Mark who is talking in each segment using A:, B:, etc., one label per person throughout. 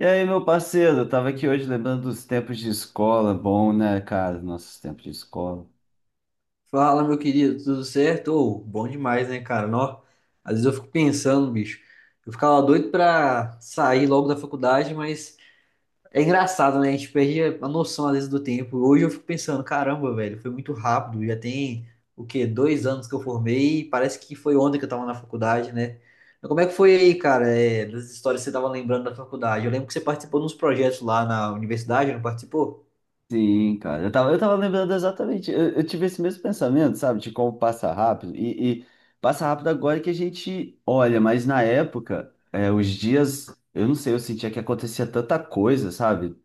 A: E aí, meu parceiro, eu tava aqui hoje lembrando dos tempos de escola, bom, né, cara, nossos tempos de escola.
B: Fala, meu querido, tudo certo? Ô, bom demais, né, cara? Nó, às vezes eu fico pensando, bicho. Eu ficava doido pra sair logo da faculdade, mas é engraçado, né? A gente perde a noção, às vezes, do tempo. Hoje eu fico pensando, caramba, velho, foi muito rápido. Já tem, o quê? 2 anos que eu formei e parece que foi ontem que eu tava na faculdade, né? Mas como é que foi aí, cara, das histórias que você tava lembrando da faculdade? Eu lembro que você participou de uns projetos lá na universidade, não participou?
A: Sim, cara, eu tava lembrando exatamente, eu tive esse mesmo pensamento, sabe, de como passa rápido, e passa rápido agora que a gente olha, mas na época, os dias, eu não sei, eu sentia que acontecia tanta coisa, sabe,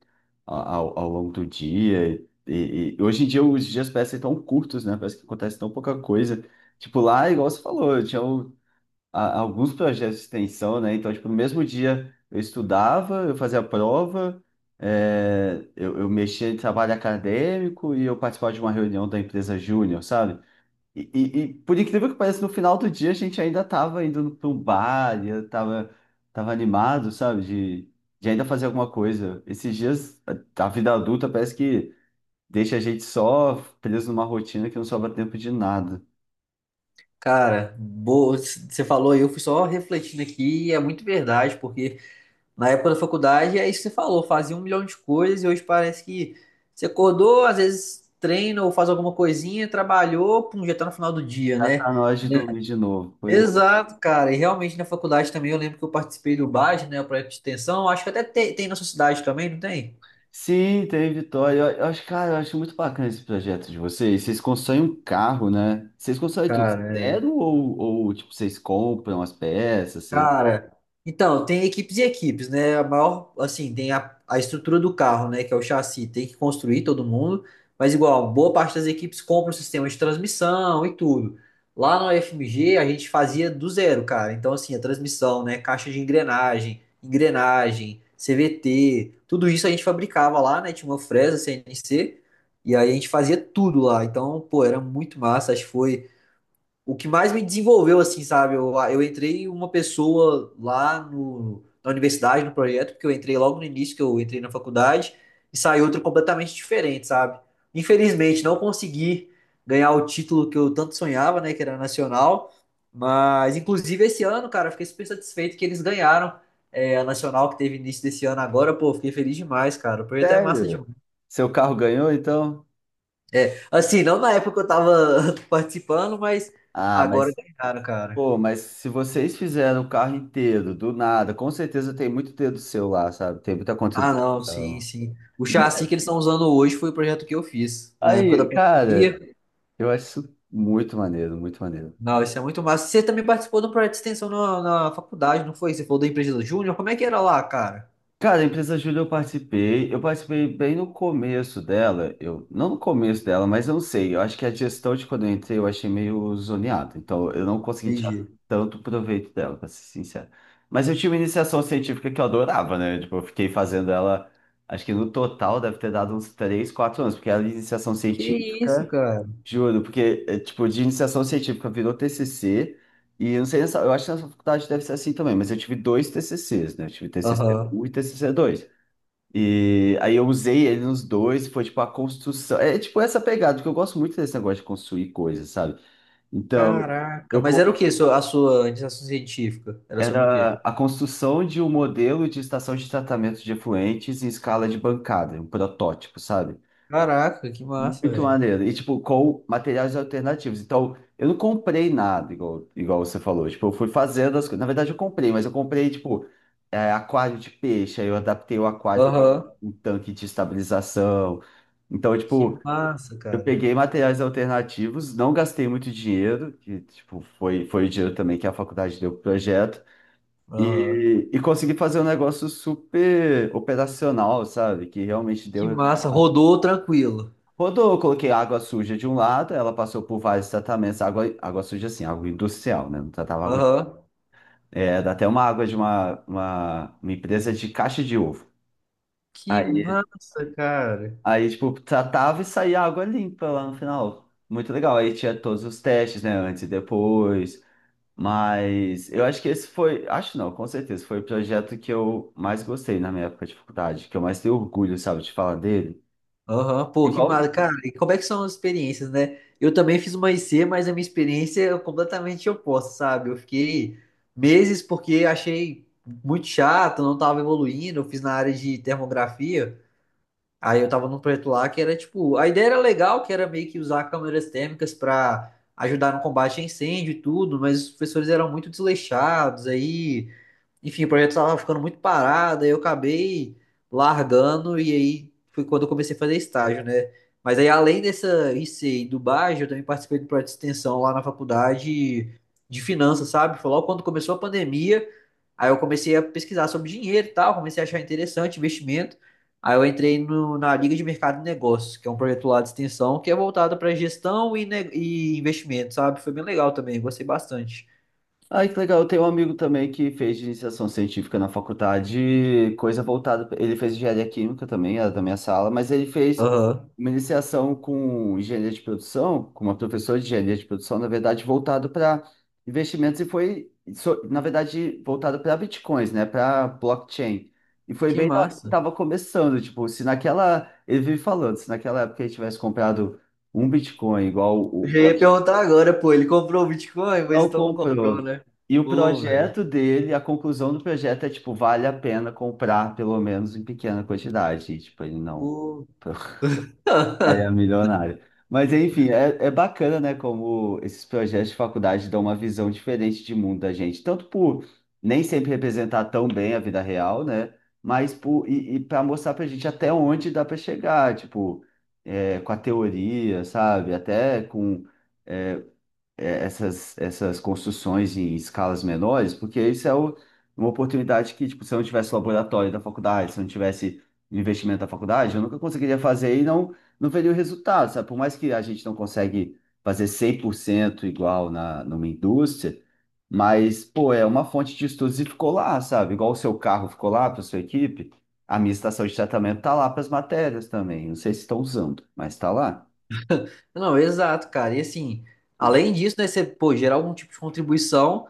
A: ao longo do dia, e hoje em dia os dias parecem tão curtos, né, parece que acontece tão pouca coisa, tipo lá, igual você falou, eu tinha alguns projetos de extensão, né? Então, tipo, no mesmo dia eu estudava, eu fazia a prova, eu mexia em trabalho acadêmico e eu participava de uma reunião da empresa Júnior, sabe? E, por incrível que pareça, no final do dia a gente ainda estava indo para um bar, e eu tava animado, sabe? De ainda fazer alguma coisa. Esses dias, a vida adulta parece que deixa a gente só preso numa rotina que não sobra tempo de nada.
B: Cara, boa, você falou, e eu fui só refletindo aqui, e é muito verdade, porque na época da faculdade é isso que você falou, fazia 1 milhão de coisas e hoje parece que você acordou, às vezes treina ou faz alguma coisinha, trabalhou, pum, já tá no final do dia,
A: Já
B: né?
A: tá na hora de
B: Né?
A: dormir de novo. Pois.
B: Exato, cara, e realmente na faculdade também eu lembro que eu participei do BAS, né, o projeto de extensão, acho que até tem na sua cidade também, não tem?
A: Sim, tem Vitória. Eu acho, cara, eu acho muito bacana esse projeto de vocês. Vocês constroem um carro, né? Vocês constroem tudo
B: Cara,
A: zero ou tipo, vocês compram as peças, sei lá.
B: Cara, então, tem equipes e equipes, né? A maior, assim, tem a estrutura do carro, né? Que é o chassi, tem que construir todo mundo, mas igual, boa parte das equipes compra o sistema de transmissão e tudo. Lá na FMG a gente fazia do zero, cara. Então, assim, a transmissão, né? Caixa de engrenagem, engrenagem, CVT, tudo isso a gente fabricava lá, né? Tinha uma fresa CNC, e aí a gente fazia tudo lá. Então, pô, era muito massa. Acho que foi o que mais me desenvolveu, assim, sabe? Eu entrei uma pessoa lá na universidade, no projeto, porque eu entrei logo no início, que eu entrei na faculdade, e saí outra completamente diferente, sabe? Infelizmente, não consegui ganhar o título que eu tanto sonhava, né? Que era nacional. Mas, inclusive, esse ano, cara, eu fiquei super satisfeito que eles ganharam. A Nacional que teve início desse ano agora, pô, eu fiquei feliz demais, cara. O projeto é massa demais.
A: Sério? Seu carro ganhou, então?
B: É, assim, não na época que eu tava participando, mas
A: Ah,
B: agora
A: mas,
B: ganharam, cara.
A: pô, mas se vocês fizeram o carro inteiro, do nada, com certeza tem muito dedo seu lá, sabe? Tem muita
B: Ah, não, sim,
A: contribuição.
B: sim. O chassi que eles estão usando hoje foi o projeto que eu fiz na época da
A: Aí,
B: pandemia.
A: cara, eu acho isso muito maneiro, muito maneiro.
B: Não, isso é muito massa. Você também participou de um projeto de extensão na faculdade, não foi? Você falou da empresa Júnior? Como é que era lá, cara?
A: Cara, a empresa Júlia eu participei bem no começo dela, eu não no começo dela, mas eu não sei, eu acho que a gestão de quando eu entrei eu achei meio zoneada, então eu não consegui tirar
B: Entendi.
A: tanto proveito dela, pra ser sincero. Mas eu tinha uma iniciação científica que eu adorava, né? Tipo, eu fiquei fazendo ela, acho que no total deve ter dado uns 3, 4 anos, porque era iniciação
B: Que isso,
A: científica.
B: cara?
A: Juro, porque, tipo, de iniciação científica virou TCC, e eu não sei, eu acho que nessa faculdade deve ser assim também, mas eu tive dois TCCs, né? Eu tive TCC um
B: Aham.
A: e TCC dois. E aí eu usei ele nos dois, foi tipo a construção. É tipo essa pegada, porque eu gosto muito desse negócio de construir coisas, sabe? Então,
B: Caraca.
A: eu
B: Mas era o
A: con-
B: que a sua iniciação científica? Era sobre o quê?
A: era a construção de um modelo de estação de tratamento de efluentes em escala de bancada, um protótipo, sabe?
B: Caraca, que massa,
A: Muito
B: velho.
A: maneiro. E, tipo, com materiais alternativos. Então, eu não comprei nada, igual você falou. Tipo, eu fui fazendo as coisas. Na verdade, eu comprei, mas eu comprei, tipo, aquário de peixe. Aí eu adaptei o aquário para
B: Aham.
A: um tanque de estabilização. Então,
B: Que
A: tipo,
B: massa,
A: eu
B: cara.
A: peguei materiais alternativos, não gastei muito dinheiro, que, tipo, foi o dinheiro também que a faculdade deu pro projeto.
B: Aham.
A: E consegui fazer um negócio super operacional, sabe? Que realmente deu
B: Que massa.
A: resultado.
B: Rodou tranquilo.
A: Rodou, eu coloquei água suja de um lado, ela passou por vários tratamentos, água suja assim, água industrial, né? Não tratava água.
B: Aham.
A: É, dá até uma água de uma empresa de caixa de ovo.
B: Que
A: Aí,
B: massa, cara.
A: aí, tipo, tratava e saía água limpa lá no final. Muito legal. Aí tinha todos os testes, né? Antes e depois. Mas eu acho que esse foi, acho não, com certeza, foi o projeto que eu mais gostei na minha época de faculdade, que eu mais tenho orgulho, sabe, de falar dele.
B: Aham, pô, que
A: Igual
B: mara, cara. E como é que são as experiências, né? Eu também fiz uma IC, mas a minha experiência é completamente oposta, sabe? Eu fiquei meses porque achei muito chato, não tava evoluindo. Eu fiz na área de termografia. Aí eu tava num projeto lá que era tipo, a ideia era legal, que era meio que usar câmeras térmicas pra ajudar no combate a incêndio e tudo, mas os professores eram muito desleixados. Aí enfim, o projeto estava ficando muito parado, aí eu acabei largando e aí foi quando eu comecei a fazer estágio, né? Mas aí além dessa IC e do Bajo, eu também participei do projeto de extensão lá na faculdade de finanças, sabe? Foi logo quando começou a pandemia, aí eu comecei a pesquisar sobre dinheiro e tal, comecei a achar interessante investimento. Aí eu entrei na Liga de Mercado e Negócios, que é um projeto lá de extensão que é voltado para gestão e investimento, sabe? Foi bem legal também, gostei bastante.
A: Ai, que legal. Eu tenho um amigo também que fez iniciação científica na faculdade, coisa voltada. Ele fez engenharia química também, era da minha sala, mas ele fez
B: Aham.
A: uma iniciação com engenharia de produção, com uma professora de engenharia de produção, na verdade, voltado para investimentos e foi, na verdade, voltado para bitcoins, né, para blockchain. E foi
B: Que
A: bem na hora que
B: massa.
A: estava começando, tipo, se naquela. Ele vive falando, se naquela época ele tivesse comprado um bitcoin igual
B: Eu
A: o.
B: já ia perguntar agora, pô, ele comprou o Bitcoin, mas
A: Não
B: então não comprou,
A: comprou.
B: né?
A: E o
B: Pô, velho.
A: projeto dele, a conclusão do projeto é, tipo, vale a pena comprar, pelo menos em pequena quantidade. E, tipo, ele não.
B: Pô.
A: Ele é milionário. Mas, enfim, é bacana, né, como esses projetos de faculdade dão uma visão diferente de mundo da gente. Tanto por nem sempre representar tão bem a vida real, né? Mas por, e para mostrar pra gente até onde dá para chegar, tipo, é, com a teoria, sabe? Até com. é, essas construções em escalas menores, porque isso uma oportunidade que, tipo, se eu não tivesse o laboratório da faculdade, se eu não tivesse o investimento da faculdade, eu nunca conseguiria fazer e não, não veria o resultado, sabe? Por mais que a gente não consegue fazer 100% igual na, numa indústria, mas, pô, é uma fonte de estudos e ficou lá, sabe? Igual o seu carro ficou lá para sua equipe, a minha estação de tratamento tá lá para as matérias também. Não sei se estão usando, mas tá lá.
B: Não, exato, cara. E assim, além disso, né, você, pô, gerar algum tipo de contribuição,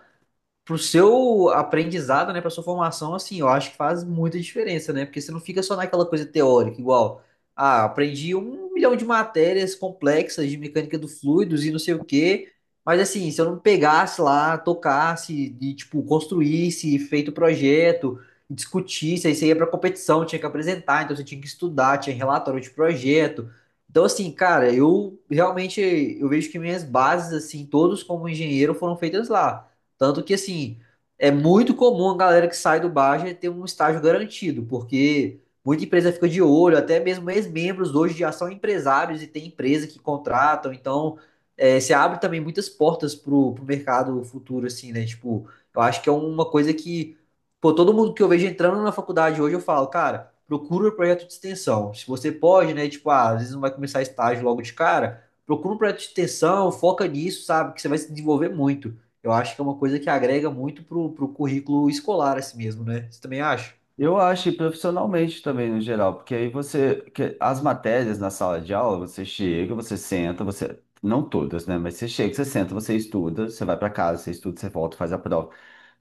B: pro seu aprendizado, né, pra sua formação, assim, eu acho que faz muita diferença, né? Porque você não fica só naquela coisa teórica, igual, ah, aprendi 1 milhão de matérias complexas de mecânica do fluidos e não sei o quê, mas assim, se eu não pegasse lá, tocasse e, tipo, construísse, feito o projeto, discutisse, aí você ia pra competição, tinha que apresentar, então você tinha que estudar, tinha relatório de projeto. Então, assim, cara, eu vejo que minhas bases, assim, todos como engenheiro foram feitas lá. Tanto que, assim, é muito comum a galera que sai do Baster ter um estágio garantido, porque muita empresa fica de olho, até mesmo ex-membros hoje já são empresários e tem empresa que contratam, então você abre também muitas portas pro mercado futuro, assim, né? Tipo, eu acho que é uma coisa que, pô, todo mundo que eu vejo entrando na faculdade hoje, eu falo, cara, procura um projeto de extensão. Se você pode, né? Tipo, ah, às vezes não vai começar estágio logo de cara, procura um projeto de extensão, foca nisso, sabe? Que você vai se desenvolver muito. Eu acho que é uma coisa que agrega muito pro currículo escolar, assim mesmo, né? Você também acha?
A: Eu acho, e profissionalmente também, no geral, porque aí você, que as matérias na sala de aula, você chega, você senta, você, não todas, né, mas você chega, você senta, você estuda, você vai para casa, você estuda, você volta, faz a prova.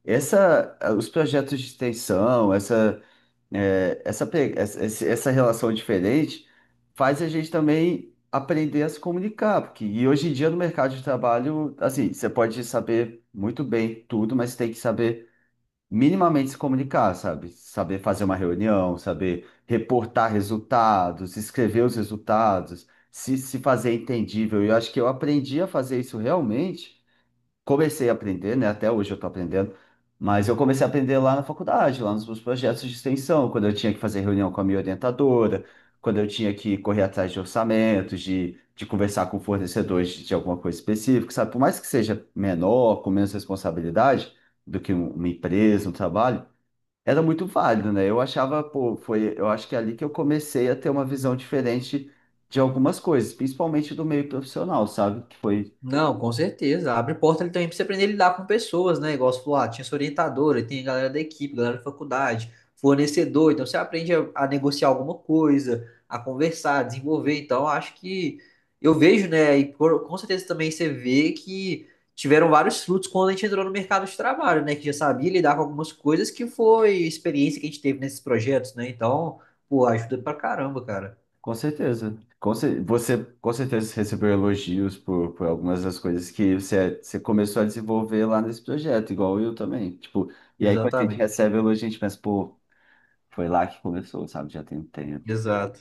A: Os projetos de extensão, essa, eh, essa, pe- essa, esse- essa relação diferente faz a gente também aprender a se comunicar, porque, e hoje em dia no mercado de trabalho, assim, você pode saber muito bem tudo, mas tem que saber minimamente se comunicar, sabe? Saber fazer uma reunião, saber reportar resultados, escrever os resultados, se fazer entendível. E eu acho que eu aprendi a fazer isso realmente comecei a aprender, né? Até hoje eu estou aprendendo, mas eu comecei a aprender lá na faculdade, lá nos meus projetos de extensão, quando eu tinha que fazer reunião com a minha orientadora, quando eu tinha que correr atrás de orçamentos, de conversar com fornecedores de alguma coisa específica, sabe? Por mais que seja menor, com menos responsabilidade do que uma empresa, um trabalho, era muito válido, né? Eu achava, pô, foi, eu acho que é ali que eu comecei a ter uma visão diferente de algumas coisas, principalmente do meio profissional, sabe? Que foi.
B: Não, com certeza. Abre porta ali também pra você aprender a lidar com pessoas, né? Igual você falou, ah, tinha sua orientadora, tem a galera da equipe, galera da faculdade, fornecedor. Então você aprende a negociar alguma coisa, a conversar, a desenvolver. Então acho que eu vejo, né? E com certeza também você vê que tiveram vários frutos quando a gente entrou no mercado de trabalho, né? Que já sabia lidar com algumas coisas que foi experiência que a gente teve nesses projetos, né? Então, pô, ajuda pra caramba, cara.
A: Com certeza. Você com certeza recebeu elogios por algumas das coisas que você começou a desenvolver lá nesse projeto, igual eu também. Tipo, e aí quando a gente
B: Exatamente.
A: recebe elogio, a gente pensa, pô, foi lá que começou, sabe? Já tem um tempo.
B: Exato.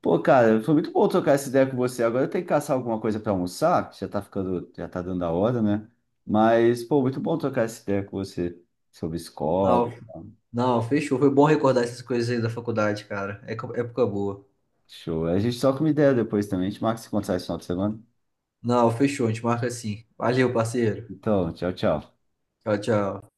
A: Pô, cara, foi muito bom trocar essa ideia com você. Agora eu tenho que caçar alguma coisa para almoçar, que já tá ficando, já tá dando a hora, né? Mas, pô, muito bom trocar essa ideia com você sobre escola
B: Não,
A: e tal.
B: não, fechou. Foi bom recordar essas coisas aí da faculdade, cara. É época boa.
A: Show. A gente troca uma ideia depois também. A gente marca esse contato esse final de semana.
B: Não, fechou. A gente marca assim. Valeu, parceiro.
A: Então, tchau, tchau.
B: Tchau, tchau.